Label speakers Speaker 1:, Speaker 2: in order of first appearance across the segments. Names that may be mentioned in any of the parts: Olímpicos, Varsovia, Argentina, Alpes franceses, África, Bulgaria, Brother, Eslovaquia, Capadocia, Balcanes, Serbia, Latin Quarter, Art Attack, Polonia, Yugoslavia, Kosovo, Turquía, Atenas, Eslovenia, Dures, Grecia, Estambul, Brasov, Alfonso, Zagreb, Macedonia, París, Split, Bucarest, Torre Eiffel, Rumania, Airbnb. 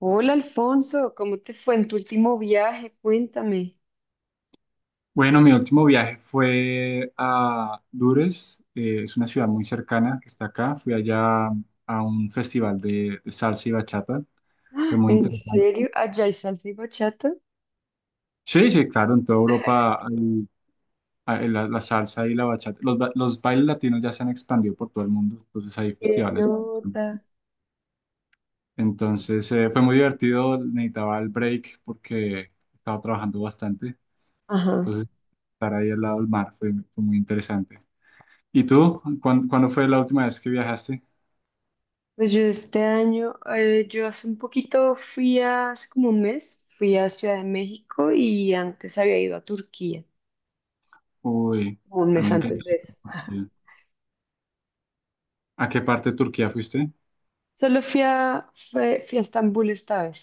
Speaker 1: Hola Alfonso, ¿cómo te fue en tu último viaje? Cuéntame.
Speaker 2: Bueno, mi último viaje fue a Dures, es una ciudad muy cercana que está acá. Fui allá a un festival de salsa y bachata, fue muy
Speaker 1: ¿En
Speaker 2: interesante.
Speaker 1: serio? ¿Allá hay salsa y bachata?
Speaker 2: Sí, sí, claro, en toda Europa hay la salsa y la bachata. Los bailes latinos ya se han expandido por todo el mundo, entonces hay
Speaker 1: ¡Qué
Speaker 2: festivales.
Speaker 1: nota!
Speaker 2: Entonces fue muy divertido, necesitaba el break porque estaba trabajando bastante,
Speaker 1: Ajá.
Speaker 2: entonces estar ahí al lado del mar fue muy interesante. ¿Y tú? ¿ ¿Cuándo fue la última vez que viajaste?
Speaker 1: Pues yo este año, yo hace un poquito fui a, hace como un mes, fui a Ciudad de México y antes había ido a Turquía,
Speaker 2: Uy,
Speaker 1: como un
Speaker 2: a mí
Speaker 1: mes
Speaker 2: me encanta
Speaker 1: antes de eso.
Speaker 2: Turquía. ¿A qué parte de Turquía fuiste?
Speaker 1: Solo fui a, fui a Estambul esta vez.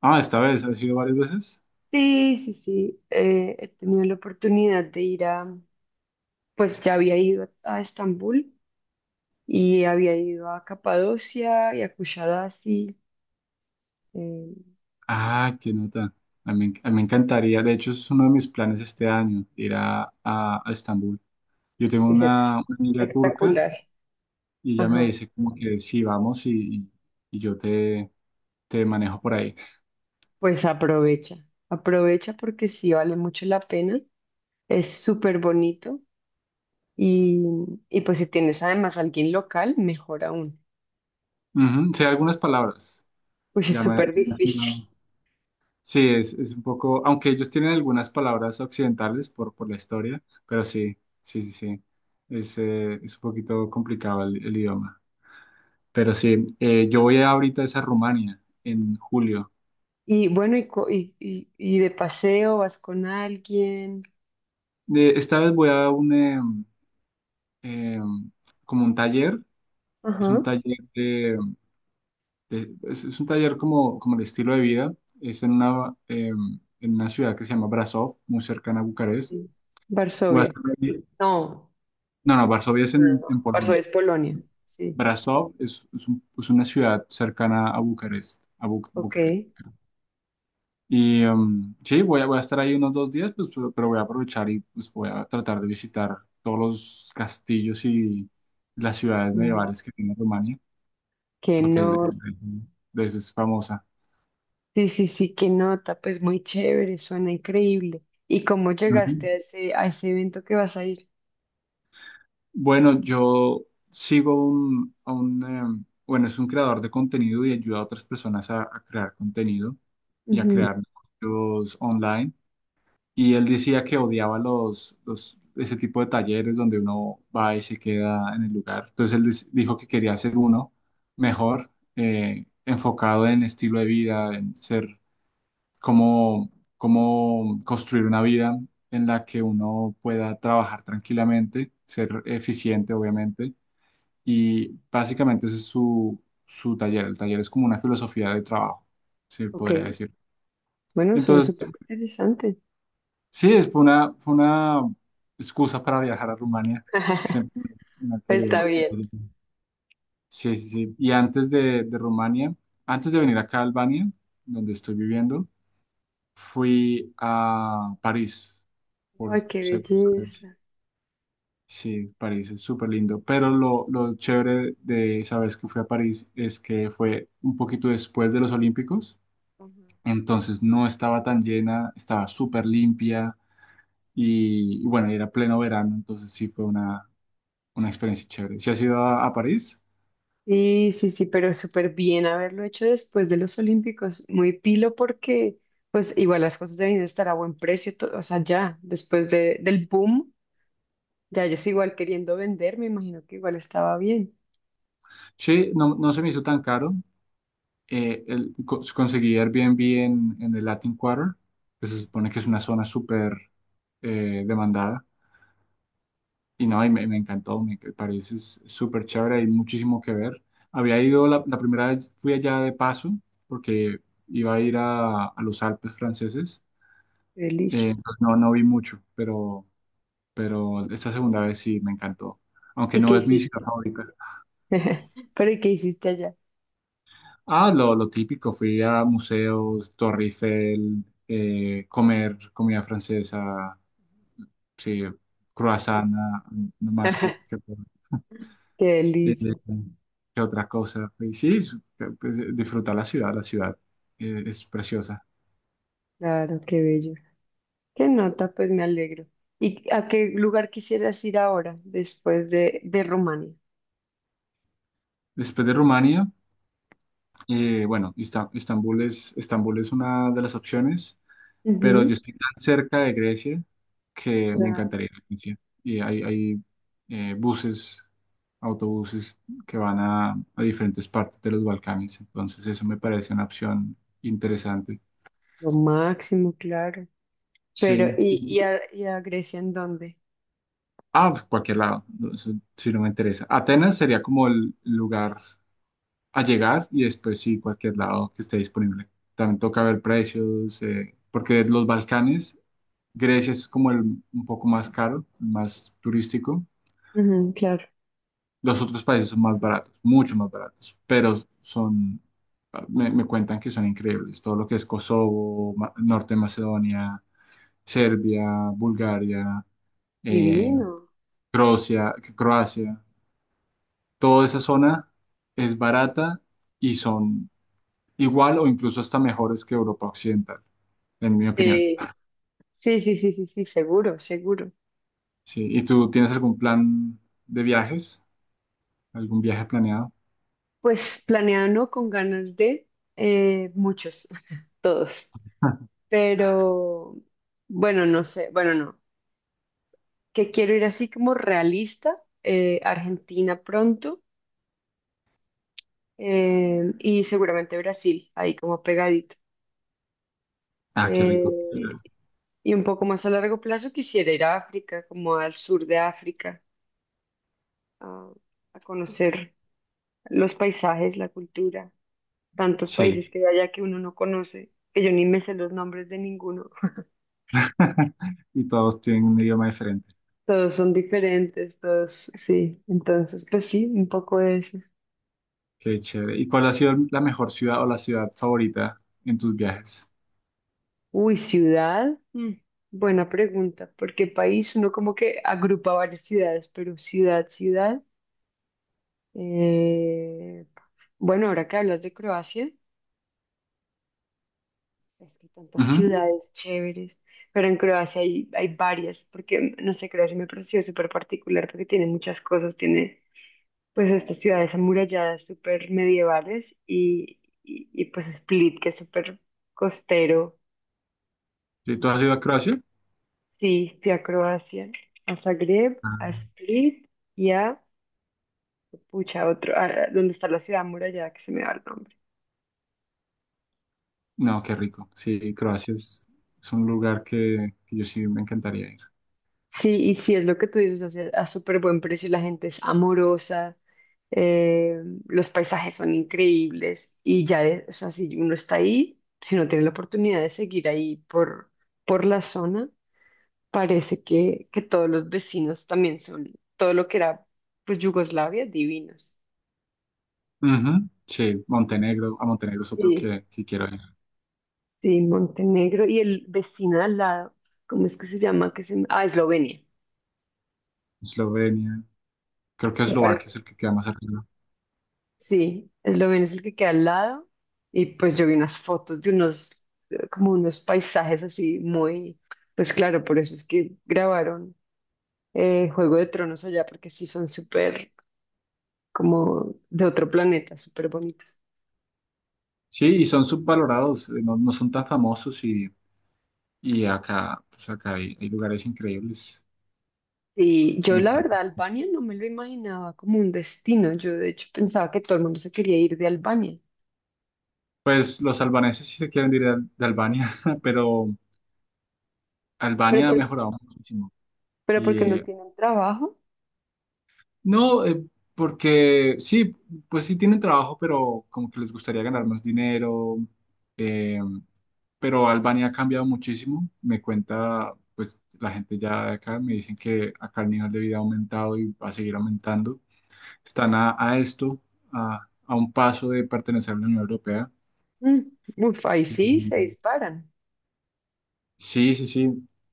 Speaker 2: Ah, esta vez, ¿has ido varias veces?
Speaker 1: Sí, sí, sí, he tenido la oportunidad de ir a, pues ya había ido a Estambul y había ido a Capadocia y a Kushadasi. eh,
Speaker 2: Ah, qué nota. A mí me encantaría, de hecho, es uno de mis planes este año, ir a Estambul. Yo tengo
Speaker 1: es es
Speaker 2: una amiga turca
Speaker 1: espectacular.
Speaker 2: y ella me
Speaker 1: Ajá.
Speaker 2: dice como que sí, vamos y- y yo te manejo por ahí.
Speaker 1: Pues aprovecha, aprovecha porque sí vale mucho la pena, es súper bonito y, y pues si tienes además alguien local, mejor aún,
Speaker 2: Ujú. Sé algunas palabras.
Speaker 1: pues es
Speaker 2: Ya me,
Speaker 1: súper difícil.
Speaker 2: Sí, es un poco, aunque ellos tienen algunas palabras occidentales por la historia, pero sí, sí, sí, sí, es un poquito complicado el idioma. Pero sí, yo voy ahorita es a Rumania en julio.
Speaker 1: Y bueno, y de paseo vas con alguien.
Speaker 2: Esta vez voy a un, em, como un taller, es un
Speaker 1: Ajá.
Speaker 2: taller es un taller como, como de estilo de vida, es en una, en una ciudad que se llama Brasov, muy cercana a Bucarest.
Speaker 1: Sí.
Speaker 2: Voy a
Speaker 1: Varsovia.
Speaker 2: estar ahí-
Speaker 1: No,
Speaker 2: No, no, Varsovia es
Speaker 1: no, no, no.
Speaker 2: en Polonia.
Speaker 1: Varsovia es Polonia, sí.
Speaker 2: Brasov es una ciudad cercana a Bucarest, a
Speaker 1: Ok.
Speaker 2: Bucarest. Y sí, voy a estar ahí unos dos días, pues, pero voy a aprovechar y pues, voy a tratar de visitar todos los castillos y las ciudades
Speaker 1: Mm.
Speaker 2: medievales que tiene Rumania,
Speaker 1: ¿Que
Speaker 2: porque
Speaker 1: no?
Speaker 2: de eso es famosa.
Speaker 1: Sí, sí, sí, qué nota, pues muy chévere, suena increíble. ¿Y cómo llegaste
Speaker 2: Ujú.
Speaker 1: a ese evento que vas a ir?
Speaker 2: Bueno, yo a un, bueno, es un creador de contenido y ayuda a otras personas a crear contenido y a
Speaker 1: Ujú.
Speaker 2: crear negocios online. Y él decía que odiaba ese tipo de talleres donde uno va y se queda en el lugar. Entonces él dijo que quería hacer uno mejor, enfocado en estilo de vida, en ser cómo, cómo construir una vida en la que uno pueda trabajar tranquilamente, ser eficiente, obviamente. Y básicamente ese es su taller. El taller es como una filosofía de trabajo, se
Speaker 1: Ok,
Speaker 2: podría decir.
Speaker 1: bueno, suena
Speaker 2: Entonces,
Speaker 1: súper interesante.
Speaker 2: sí, fue una excusa para viajar a Rumania. Que siempre me ha
Speaker 1: Pues está
Speaker 2: querido ir.
Speaker 1: bien.
Speaker 2: Sí, sí, sí. Y antes de Rumania, antes de venir acá a Albania, donde estoy viviendo, fui a París por
Speaker 1: Ay, qué
Speaker 2: segunda vez.
Speaker 1: belleza.
Speaker 2: Sí, París es súper lindo. Pero lo chévere de esa vez que fui a París es que fue un poquito después de los Olímpicos.
Speaker 1: Ajá.
Speaker 2: Entonces no estaba tan llena, estaba súper limpia. Y bueno, y era pleno verano, entonces sí fue una experiencia chévere. ¿Si has ido a París?
Speaker 1: Sí, sí, sí, pero súper bien haberlo hecho después de los Olímpicos. Muy pilo porque, pues, igual las cosas deben estar a buen precio, o sea, ya, después de, del boom, ya ellos igual queriendo vender, me imagino que igual estaba bien.
Speaker 2: Sí, no, no se me hizo tan caro. Conseguí Airbnb en el Latin Quarter, que se supone que es una zona súper demandada. Y no, me encantó, París es súper chévere, hay muchísimo que ver. Había ido la primera vez, fui allá de paso, porque iba a ir a los Alpes franceses.
Speaker 1: Feliz.
Speaker 2: Entonces no, no vi mucho, pero esta segunda vez sí me encantó, aunque
Speaker 1: ¿Y qué
Speaker 2: no es mi ciudad
Speaker 1: hiciste?
Speaker 2: favorita.
Speaker 1: Pero ¿y qué hiciste allá?
Speaker 2: Ah, lo típico, fui a museos, Torre Eiffel, comer comida francesa, sí, croissant, ah, no más
Speaker 1: Qué
Speaker 2: eh,
Speaker 1: delicia,
Speaker 2: que otra cosa. Y sí, pues, disfrutar la ciudad es preciosa.
Speaker 1: claro, qué bello. Qué nota, pues me alegro. ¿Y a qué lugar quisieras ir ahora, después de Rumania?
Speaker 2: Después de Rumania, bueno, Istambul es, Estambul es una de las opciones. Pero yo
Speaker 1: Ujú.
Speaker 2: estoy tan cerca de Grecia que me
Speaker 1: Claro,
Speaker 2: encantaría ir a Grecia. Y hay buses, autobuses que van a diferentes partes de los Balcanes, entonces eso me parece una opción interesante.
Speaker 1: lo máximo, claro. Pero,
Speaker 2: Sí. Y-
Speaker 1: ¿y a Grecia en dónde?
Speaker 2: Ah, pues, cualquier lado, no, eso sí no me interesa. Atenas sería como el lugar a llegar y después sí, cualquier lado que esté disponible. También toca ver precios, porque los Balcanes, Grecia es como el un poco más caro, más turístico.
Speaker 1: Ujú, claro,
Speaker 2: Los otros países son más baratos, mucho más baratos, pero son, me cuentan que son increíbles. Todo lo que es Kosovo, Norte de Macedonia, Serbia, Bulgaria, eh,
Speaker 1: divino.
Speaker 2: Croacia, toda esa zona es barata y son igual o incluso hasta mejores que Europa Occidental, en mi opinión.
Speaker 1: Eh, sí, sí, sí, sí, sí, seguro, seguro.
Speaker 2: Sí, ¿y tú tienes algún plan de viajes? ¿Algún viaje planeado?
Speaker 1: Pues planeado, ¿no? Con ganas de muchos, todos. Pero, bueno, no sé, bueno, no. Que quiero ir así como realista, Argentina pronto, y seguramente Brasil, ahí como pegadito.
Speaker 2: Ah, qué
Speaker 1: Eh,
Speaker 2: rico.
Speaker 1: y un poco más a largo plazo quisiera ir a África, como al sur de África, a, a conocer los paisajes, la cultura, tantos
Speaker 2: Sí.
Speaker 1: países que hay allá que uno no conoce, que yo ni me sé los nombres de ninguno.
Speaker 2: Y todos tienen un idioma diferente.
Speaker 1: Todos son diferentes, todos, sí. Entonces, pues sí, un poco de eso.
Speaker 2: Qué chévere. ¿Y cuál ha sido la mejor ciudad o la ciudad favorita en tus viajes?
Speaker 1: Uy, ciudad. Mm, buena pregunta, porque país uno como que agrupa varias ciudades, pero ciudad, ciudad. eh, bueno, ahora que hablas de Croacia, es que hay tantas
Speaker 2: Ujú.
Speaker 1: ciudades chéveres, pero en Croacia hay, hay varias, porque no sé, Croacia me pareció súper particular porque tiene muchas cosas, tiene pues estas ciudades amuralladas súper medievales y, pues Split, que es súper costero.
Speaker 2: ¿Sí, tú has ido a Croacia?
Speaker 1: Sí, fui a Croacia, a Zagreb, a
Speaker 2: Ah.
Speaker 1: Split y a, pucha, otro, a- donde está la ciudad amurallada que se me va el nombre.
Speaker 2: No, qué rico. Sí, Croacia es un lugar que yo sí me encantaría ir.
Speaker 1: Sí, y sí, es lo que tú dices, o sea, a súper buen precio, la gente es amorosa, eh, los paisajes son increíbles y ya, o sea, si uno está ahí, si no tiene la oportunidad de seguir ahí por la zona, parece que todos los vecinos también son, todo lo que era, pues, Yugoslavia, divinos.
Speaker 2: Ujú. Sí, Montenegro. A Montenegro es otro
Speaker 1: Sí.
Speaker 2: que quiero ir.
Speaker 1: Sí, Montenegro y el vecino de al lado, ¿cómo es que se llama? Que se... me- Ah, Eslovenia.
Speaker 2: Eslovenia. Creo que
Speaker 1: ¿Te
Speaker 2: Eslovaquia es
Speaker 1: parece?
Speaker 2: el que queda más arriba.
Speaker 1: Sí, Eslovenia es el que queda al lado y pues yo vi unas fotos de unos, como unos paisajes así muy, pues claro, por eso es que grabaron Juego de Tronos allá porque sí son súper como de otro planeta, súper bonitos.
Speaker 2: Sí, y son subvalorados, no, no son tan famosos y acá, pues acá hay, hay lugares increíbles.
Speaker 1: Y yo la
Speaker 2: Entonces,
Speaker 1: verdad Albania no me lo imaginaba como un destino, yo de hecho pensaba que todo el mundo se quería ir de Albania,
Speaker 2: pues los albaneses sí se quieren ir de Albania, pero
Speaker 1: pero,
Speaker 2: Albania ha
Speaker 1: por-
Speaker 2: mejorado muchísimo.
Speaker 1: pero
Speaker 2: Y
Speaker 1: porque no tienen trabajo.
Speaker 2: no, porque sí, pues sí tienen trabajo, pero como que les gustaría ganar más dinero. Eh, pero Albania ha cambiado muchísimo. Me cuenta, pues la gente ya de acá me dicen que acá el nivel de vida ha aumentado y va a seguir aumentando, están a esto, a un paso de pertenecer a la Unión Europea.
Speaker 1: Mm. Uf, ahí
Speaker 2: Y-
Speaker 1: sí se disparan,
Speaker 2: Sí, sí, sí,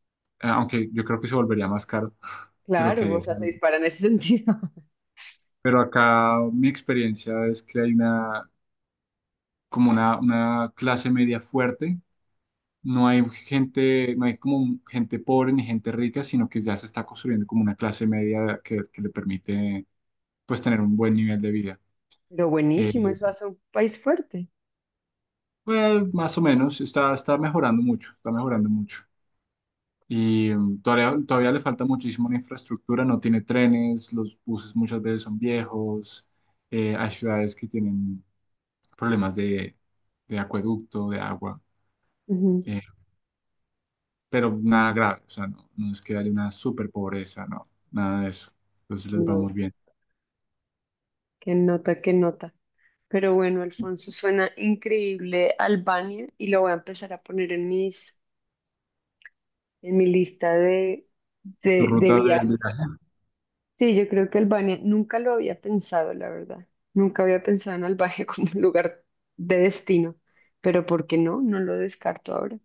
Speaker 2: aunque yo creo que se volvería más caro de lo
Speaker 1: claro,
Speaker 2: que
Speaker 1: o
Speaker 2: es.
Speaker 1: sea, se disparan en ese sentido.
Speaker 2: Pero acá mi experiencia es que hay una, como una clase media fuerte. No hay gente, no hay como gente pobre ni gente rica, sino que ya se está construyendo como una clase media que le permite pues tener un buen nivel de vida.
Speaker 1: Pero
Speaker 2: Eh,
Speaker 1: buenísimo, eso hace un país fuerte.
Speaker 2: pues más o menos, está, está mejorando mucho, está mejorando mucho. Y todavía, todavía le falta muchísimo la infraestructura, no tiene trenes, los buses muchas veces son viejos, hay ciudades que tienen problemas de acueducto, de agua,
Speaker 1: Ujú.
Speaker 2: eh, pero nada grave, o sea, no, no es que haya una super pobreza, no, nada de eso. Entonces
Speaker 1: Qué
Speaker 2: les
Speaker 1: no-
Speaker 2: vamos bien.
Speaker 1: qué nota, qué nota. Pero bueno, Alfonso, suena increíble Albania y lo voy a empezar a poner en mis, en mi lista
Speaker 2: ¿Tu
Speaker 1: de
Speaker 2: ruta de
Speaker 1: viajes.
Speaker 2: viaje?
Speaker 1: Sí, yo creo que Albania nunca lo había pensado, la verdad. Nunca había pensado en Albania como un lugar de destino. Pero ¿por qué no? No lo descarto ahora.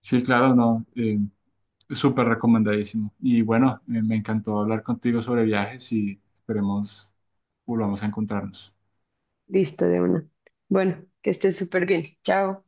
Speaker 2: Sí, claro, no, súper recomendadísimo. Y bueno, me encantó hablar contigo sobre viajes y esperemos volvamos a encontrarnos.
Speaker 1: Listo, de una. Bueno, que estés súper bien. Chao.